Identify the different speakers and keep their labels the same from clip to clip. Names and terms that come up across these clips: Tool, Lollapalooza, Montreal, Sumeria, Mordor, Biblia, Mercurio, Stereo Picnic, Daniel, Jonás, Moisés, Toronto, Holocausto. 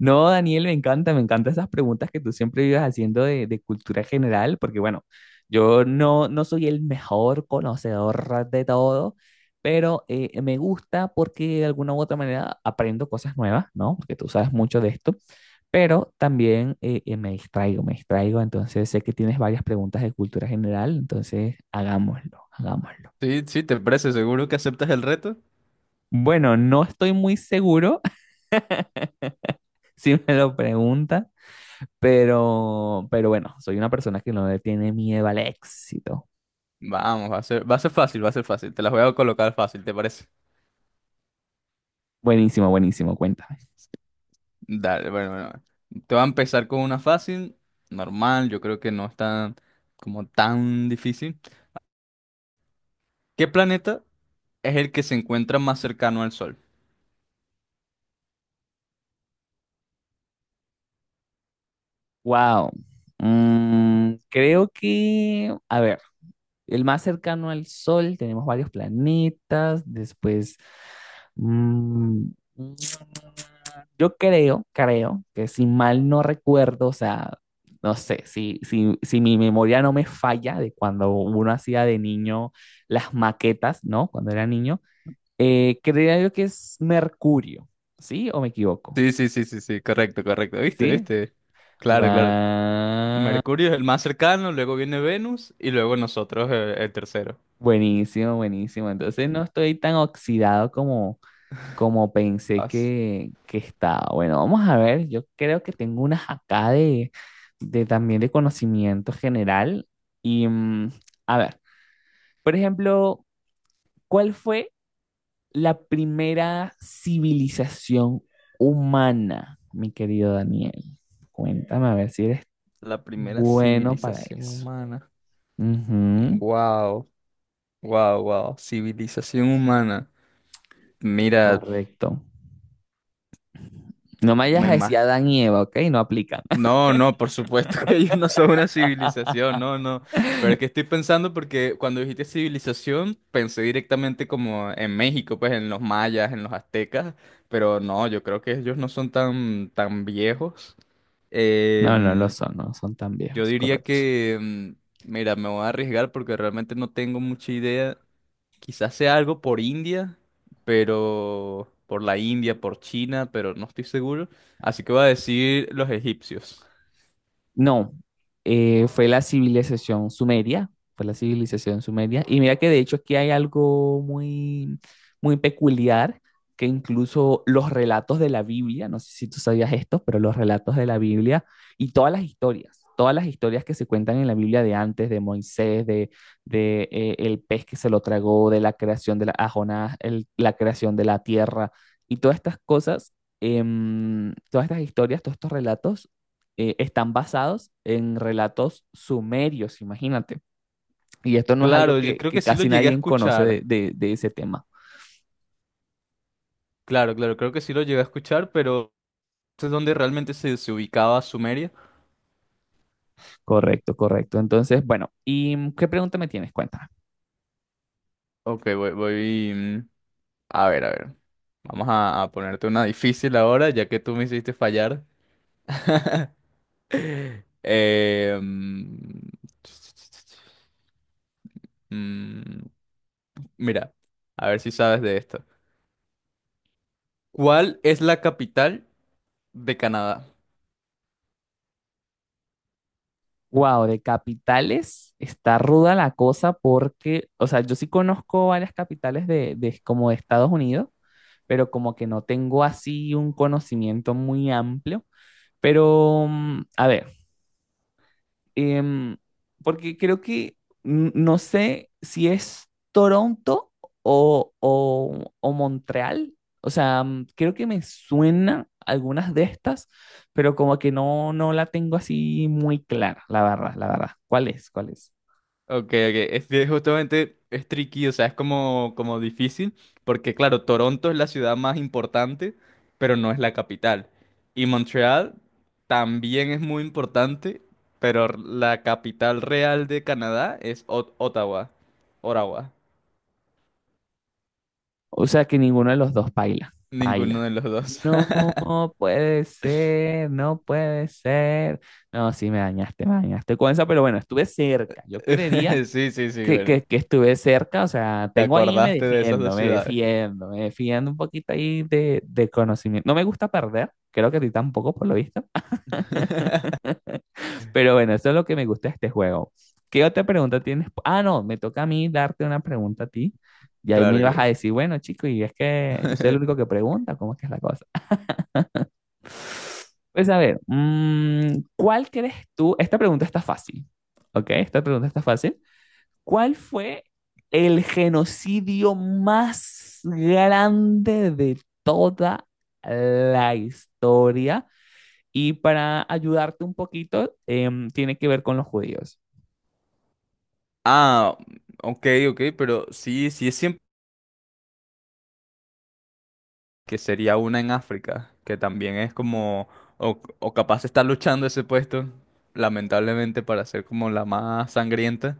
Speaker 1: No, Daniel, me encantan esas preguntas que tú siempre vives haciendo de cultura general, porque bueno, yo no soy el mejor conocedor de todo, pero me gusta porque de alguna u otra manera aprendo cosas nuevas, ¿no? Porque tú sabes mucho de esto, pero también me distraigo, entonces sé que tienes varias preguntas de cultura general, entonces hagámoslo, hagámoslo.
Speaker 2: Sí, sí, ¿te parece? ¿Seguro que aceptas el reto?
Speaker 1: Bueno, no estoy muy seguro si me lo preguntas. Pero bueno, soy una persona que no le tiene miedo al éxito.
Speaker 2: Vamos, va a ser fácil, va a ser fácil. Te las voy a colocar fácil, ¿te parece?
Speaker 1: Buenísimo, buenísimo, cuéntame.
Speaker 2: Dale, bueno. Te voy a empezar con una fácil, normal, yo creo que no es tan, como tan difícil. ¿Qué planeta es el que se encuentra más cercano al Sol?
Speaker 1: Wow. Mm, creo que, a ver, el más cercano al Sol, tenemos varios planetas, después, mm, yo creo que si mal no recuerdo, o sea, no sé, si mi memoria no me falla de cuando uno hacía de niño las maquetas, ¿no? Cuando era niño. Creía yo que es Mercurio, ¿sí? ¿O me equivoco?
Speaker 2: Sí, sí, sí, sí, sí, correcto, correcto. ¿Viste?
Speaker 1: ¿Sí?
Speaker 2: ¿Viste? Claro, claro.
Speaker 1: Guau.
Speaker 2: Mercurio es el más cercano, luego viene Venus y luego nosotros el tercero.
Speaker 1: Buenísimo, buenísimo. Entonces no estoy tan oxidado como, como pensé
Speaker 2: Vas.
Speaker 1: que estaba. Bueno, vamos a ver. Yo creo que tengo unas acá de también de conocimiento general. Y a ver, por ejemplo, ¿cuál fue la primera civilización humana, mi querido Daniel? Cuéntame a ver si eres
Speaker 2: La primera
Speaker 1: bueno para
Speaker 2: civilización
Speaker 1: eso.
Speaker 2: humana.
Speaker 1: Ujú,
Speaker 2: Wow. Wow, civilización humana. Mira,
Speaker 1: correcto. No me vayas
Speaker 2: me
Speaker 1: a decir
Speaker 2: imagino.
Speaker 1: Adán y Eva, ¿ok? No aplican.
Speaker 2: No, no, por supuesto que ellos no son una civilización, no, no. Pero es que estoy pensando porque cuando dijiste civilización, pensé directamente como en México, pues en los mayas, en los aztecas, pero no, yo creo que ellos no son tan, tan viejos.
Speaker 1: No, no lo
Speaker 2: Em,
Speaker 1: son, no son tan
Speaker 2: yo
Speaker 1: viejos,
Speaker 2: diría
Speaker 1: correcto.
Speaker 2: que, mira, me voy a arriesgar porque realmente no tengo mucha idea. Quizás sea algo por India, pero por la India, por China, pero no estoy seguro. Así que voy a decir los egipcios.
Speaker 1: No, fue la civilización sumeria, fue la civilización sumeria. Y mira que de hecho aquí hay algo muy, muy peculiar, que incluso los relatos de la Biblia, no sé si tú sabías esto, pero los relatos de la Biblia y todas las historias que se cuentan en la Biblia de antes, de Moisés, de el pez que se lo tragó, de la creación de la a Jonás, la creación de la tierra y todas estas cosas. Todas estas historias, todos estos relatos están basados en relatos sumerios, imagínate. Y esto no es algo
Speaker 2: Claro, yo creo que
Speaker 1: que
Speaker 2: sí lo
Speaker 1: casi
Speaker 2: llegué a
Speaker 1: nadie conoce
Speaker 2: escuchar.
Speaker 1: de ese tema.
Speaker 2: Claro, claro, creo que sí lo llegué a escuchar, pero ¿es donde realmente se ubicaba Sumeria?
Speaker 1: Correcto, correcto. Entonces, bueno, ¿y qué pregunta me tienes? Cuéntame.
Speaker 2: Ok, a ver, a ver. A ponerte una difícil ahora, ya que tú me hiciste fallar. Eh, mm, mm, mira, a ver si sabes de esto. ¿Cuál es la capital de Canadá?
Speaker 1: Wow, de capitales está ruda la cosa porque, o sea, yo sí conozco varias capitales de como de Estados Unidos, pero como que no tengo así un conocimiento muy amplio. Pero, a ver, Em, porque creo que no sé si es Toronto o, o Montreal. O sea, creo que me suena algunas de estas, pero como que no la tengo así muy clara, la verdad, la verdad. ¿Cuál es? ¿Cuál es?
Speaker 2: Ok, ok, es que justamente es tricky, o sea, es como, como difícil, porque claro, Toronto es la ciudad más importante, pero no es la capital. Y Montreal también es muy importante, pero la capital real de Canadá es Ottawa, Ottawa,
Speaker 1: O sea, que ninguno de los dos baila,
Speaker 2: ninguno
Speaker 1: baila.
Speaker 2: de los dos.
Speaker 1: No puede ser, no puede ser. No, sí, me dañaste con esa, pero bueno, estuve cerca. Yo creería
Speaker 2: Sí, sí, sí,
Speaker 1: que,
Speaker 2: bueno,
Speaker 1: que, que estuve cerca, o sea,
Speaker 2: te
Speaker 1: tengo ahí, me
Speaker 2: acordaste de esas dos
Speaker 1: defiendo, me
Speaker 2: ciudades.
Speaker 1: defiendo, me defiendo un poquito ahí de conocimiento. No me gusta perder, creo que a ti tampoco por lo visto, pero bueno, eso es lo que me gusta de este juego. ¿Qué otra pregunta tienes? Ah, no, me toca a mí darte una pregunta a ti. Y ahí me
Speaker 2: Claro,
Speaker 1: ibas a
Speaker 2: claro.
Speaker 1: decir, bueno, chico, y es que yo soy el único que pregunta, ¿cómo es que es la cosa? Pues a ver, ¿cuál crees tú? Esta pregunta está fácil, ¿ok? Esta pregunta está fácil. ¿Cuál fue el genocidio más grande de toda la historia? Y para ayudarte un poquito, tiene que ver con los judíos.
Speaker 2: Ah, ok, ok, pero sí, sí es siempre que sería una en África, que también es como, o capaz está luchando ese puesto, lamentablemente para ser como la más sangrienta.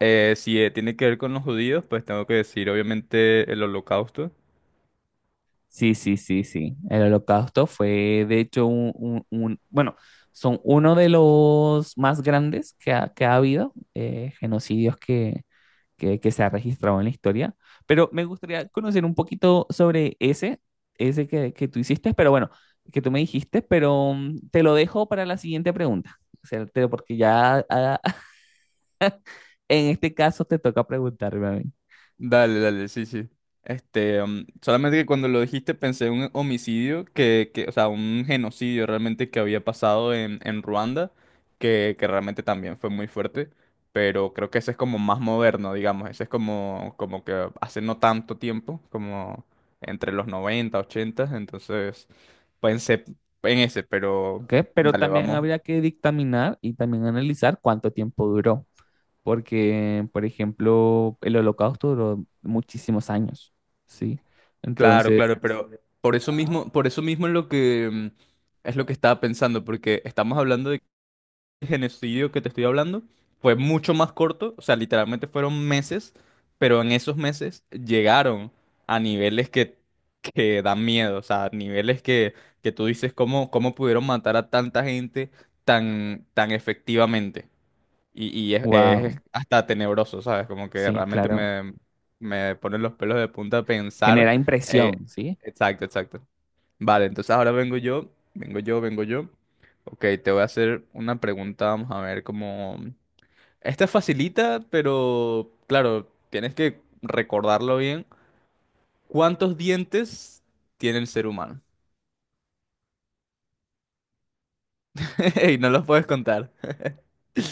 Speaker 2: Si tiene que ver con los judíos, pues tengo que decir obviamente el holocausto.
Speaker 1: Sí, sí, sí, sí. El holocausto fue, de hecho, bueno, son uno de los más grandes que ha habido, genocidios que se ha registrado en la historia, pero me gustaría conocer un poquito sobre ese, ese que tú hiciste, pero bueno, que tú me dijiste, pero te lo dejo para la siguiente pregunta, o sea, porque ya ah, en este caso te toca preguntarme a mí,
Speaker 2: Dale, dale, sí, sí. Este, solamente que cuando lo dijiste pensé en un homicidio o sea, un genocidio realmente que había pasado en Ruanda, que realmente también fue muy fuerte, pero creo que ese es como más moderno, digamos, ese es como, como que hace no tanto tiempo, como entre los 90 80, entonces pensé en ese, pero
Speaker 1: ¿ok? Pero
Speaker 2: dale,
Speaker 1: también
Speaker 2: vamos.
Speaker 1: habría que dictaminar y también analizar cuánto tiempo duró, porque, por ejemplo, el Holocausto duró muchísimos años, ¿sí?
Speaker 2: Claro,
Speaker 1: Entonces,
Speaker 2: claro, pero por eso mismo es lo que... es lo que estaba pensando, porque estamos hablando de genocidio que te estoy hablando fue mucho más corto, o sea, literalmente fueron meses, pero en esos meses llegaron a niveles que dan miedo, o sea, niveles que tú dices cómo, cómo pudieron matar a tanta gente tan, tan efectivamente. Y es
Speaker 1: wow,
Speaker 2: hasta tenebroso, ¿sabes? Como que
Speaker 1: sí,
Speaker 2: realmente
Speaker 1: claro,
Speaker 2: me ponen los pelos de punta pensar.
Speaker 1: genera
Speaker 2: eh,
Speaker 1: impresión, ¿sí?
Speaker 2: exacto, exacto. Vale, entonces ahora vengo yo. Ok, te voy a hacer una pregunta, vamos a ver cómo... Esta es facilita, pero claro, tienes que recordarlo bien. ¿Cuántos dientes tiene el ser humano? Y no los puedes contar.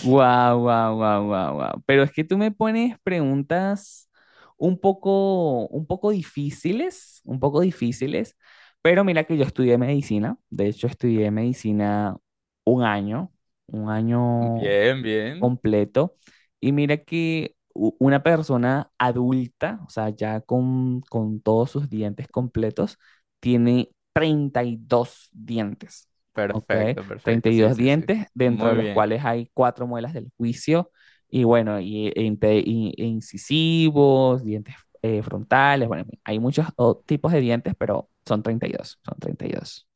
Speaker 1: Wow, wow, wow, wow, wow. Pero es que tú me pones preguntas un poco difíciles, un poco difíciles. Pero mira que yo estudié medicina. De hecho, estudié medicina un año, un año
Speaker 2: Bien, bien.
Speaker 1: completo. Y mira que una persona adulta, o sea, ya con todos sus dientes completos, tiene 32 dientes, ¿ok?
Speaker 2: Perfecto,
Speaker 1: treinta
Speaker 2: perfecto.
Speaker 1: y
Speaker 2: Sí,
Speaker 1: dos
Speaker 2: sí, sí.
Speaker 1: dientes, dentro de
Speaker 2: Muy
Speaker 1: los
Speaker 2: bien.
Speaker 1: cuales hay cuatro muelas del juicio, y bueno, e incisivos, dientes frontales, bueno, en fin, hay muchos tipos de dientes, pero son 32, son treinta y dos.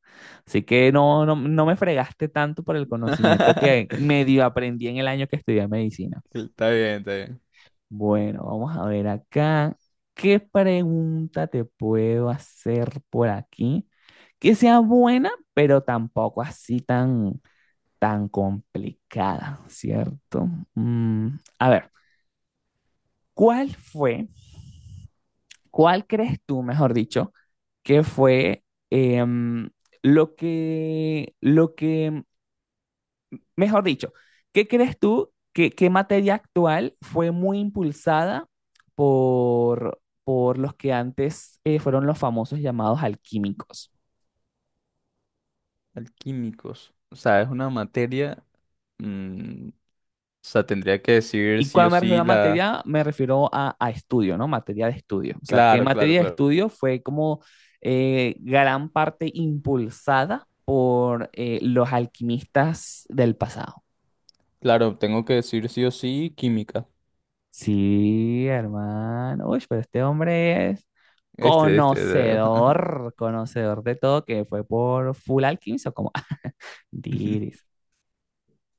Speaker 1: Así que no, no, no me fregaste tanto por el conocimiento que medio aprendí en el año que estudié medicina.
Speaker 2: Está bien, está bien.
Speaker 1: Bueno, vamos a ver acá. ¿Qué pregunta te puedo hacer por aquí? Que sea buena, pero tampoco así tan, tan complicada, ¿cierto? A ver, ¿cuál fue, cuál crees tú, mejor dicho, que fue em, lo que, lo que. Mejor dicho, ¿qué crees tú que qué materia actual fue muy impulsada por los que antes fueron los famosos llamados alquímicos?
Speaker 2: Alquímicos. O sea, es una materia... mm, o sea, tendría que decir
Speaker 1: Y
Speaker 2: sí o
Speaker 1: cuando me refiero
Speaker 2: sí
Speaker 1: a
Speaker 2: la...
Speaker 1: materia, me refiero a estudio, ¿no? Materia de estudio. O sea, ¿qué
Speaker 2: Claro, claro,
Speaker 1: materia de
Speaker 2: claro.
Speaker 1: estudio fue como gran parte impulsada por los alquimistas del pasado?
Speaker 2: Claro, tengo que decir sí o sí química.
Speaker 1: Sí, hermano. Uy, pero este hombre es
Speaker 2: Este, este. de-
Speaker 1: conocedor, conocedor de todo, que fue por Full Alchemist o como Diris.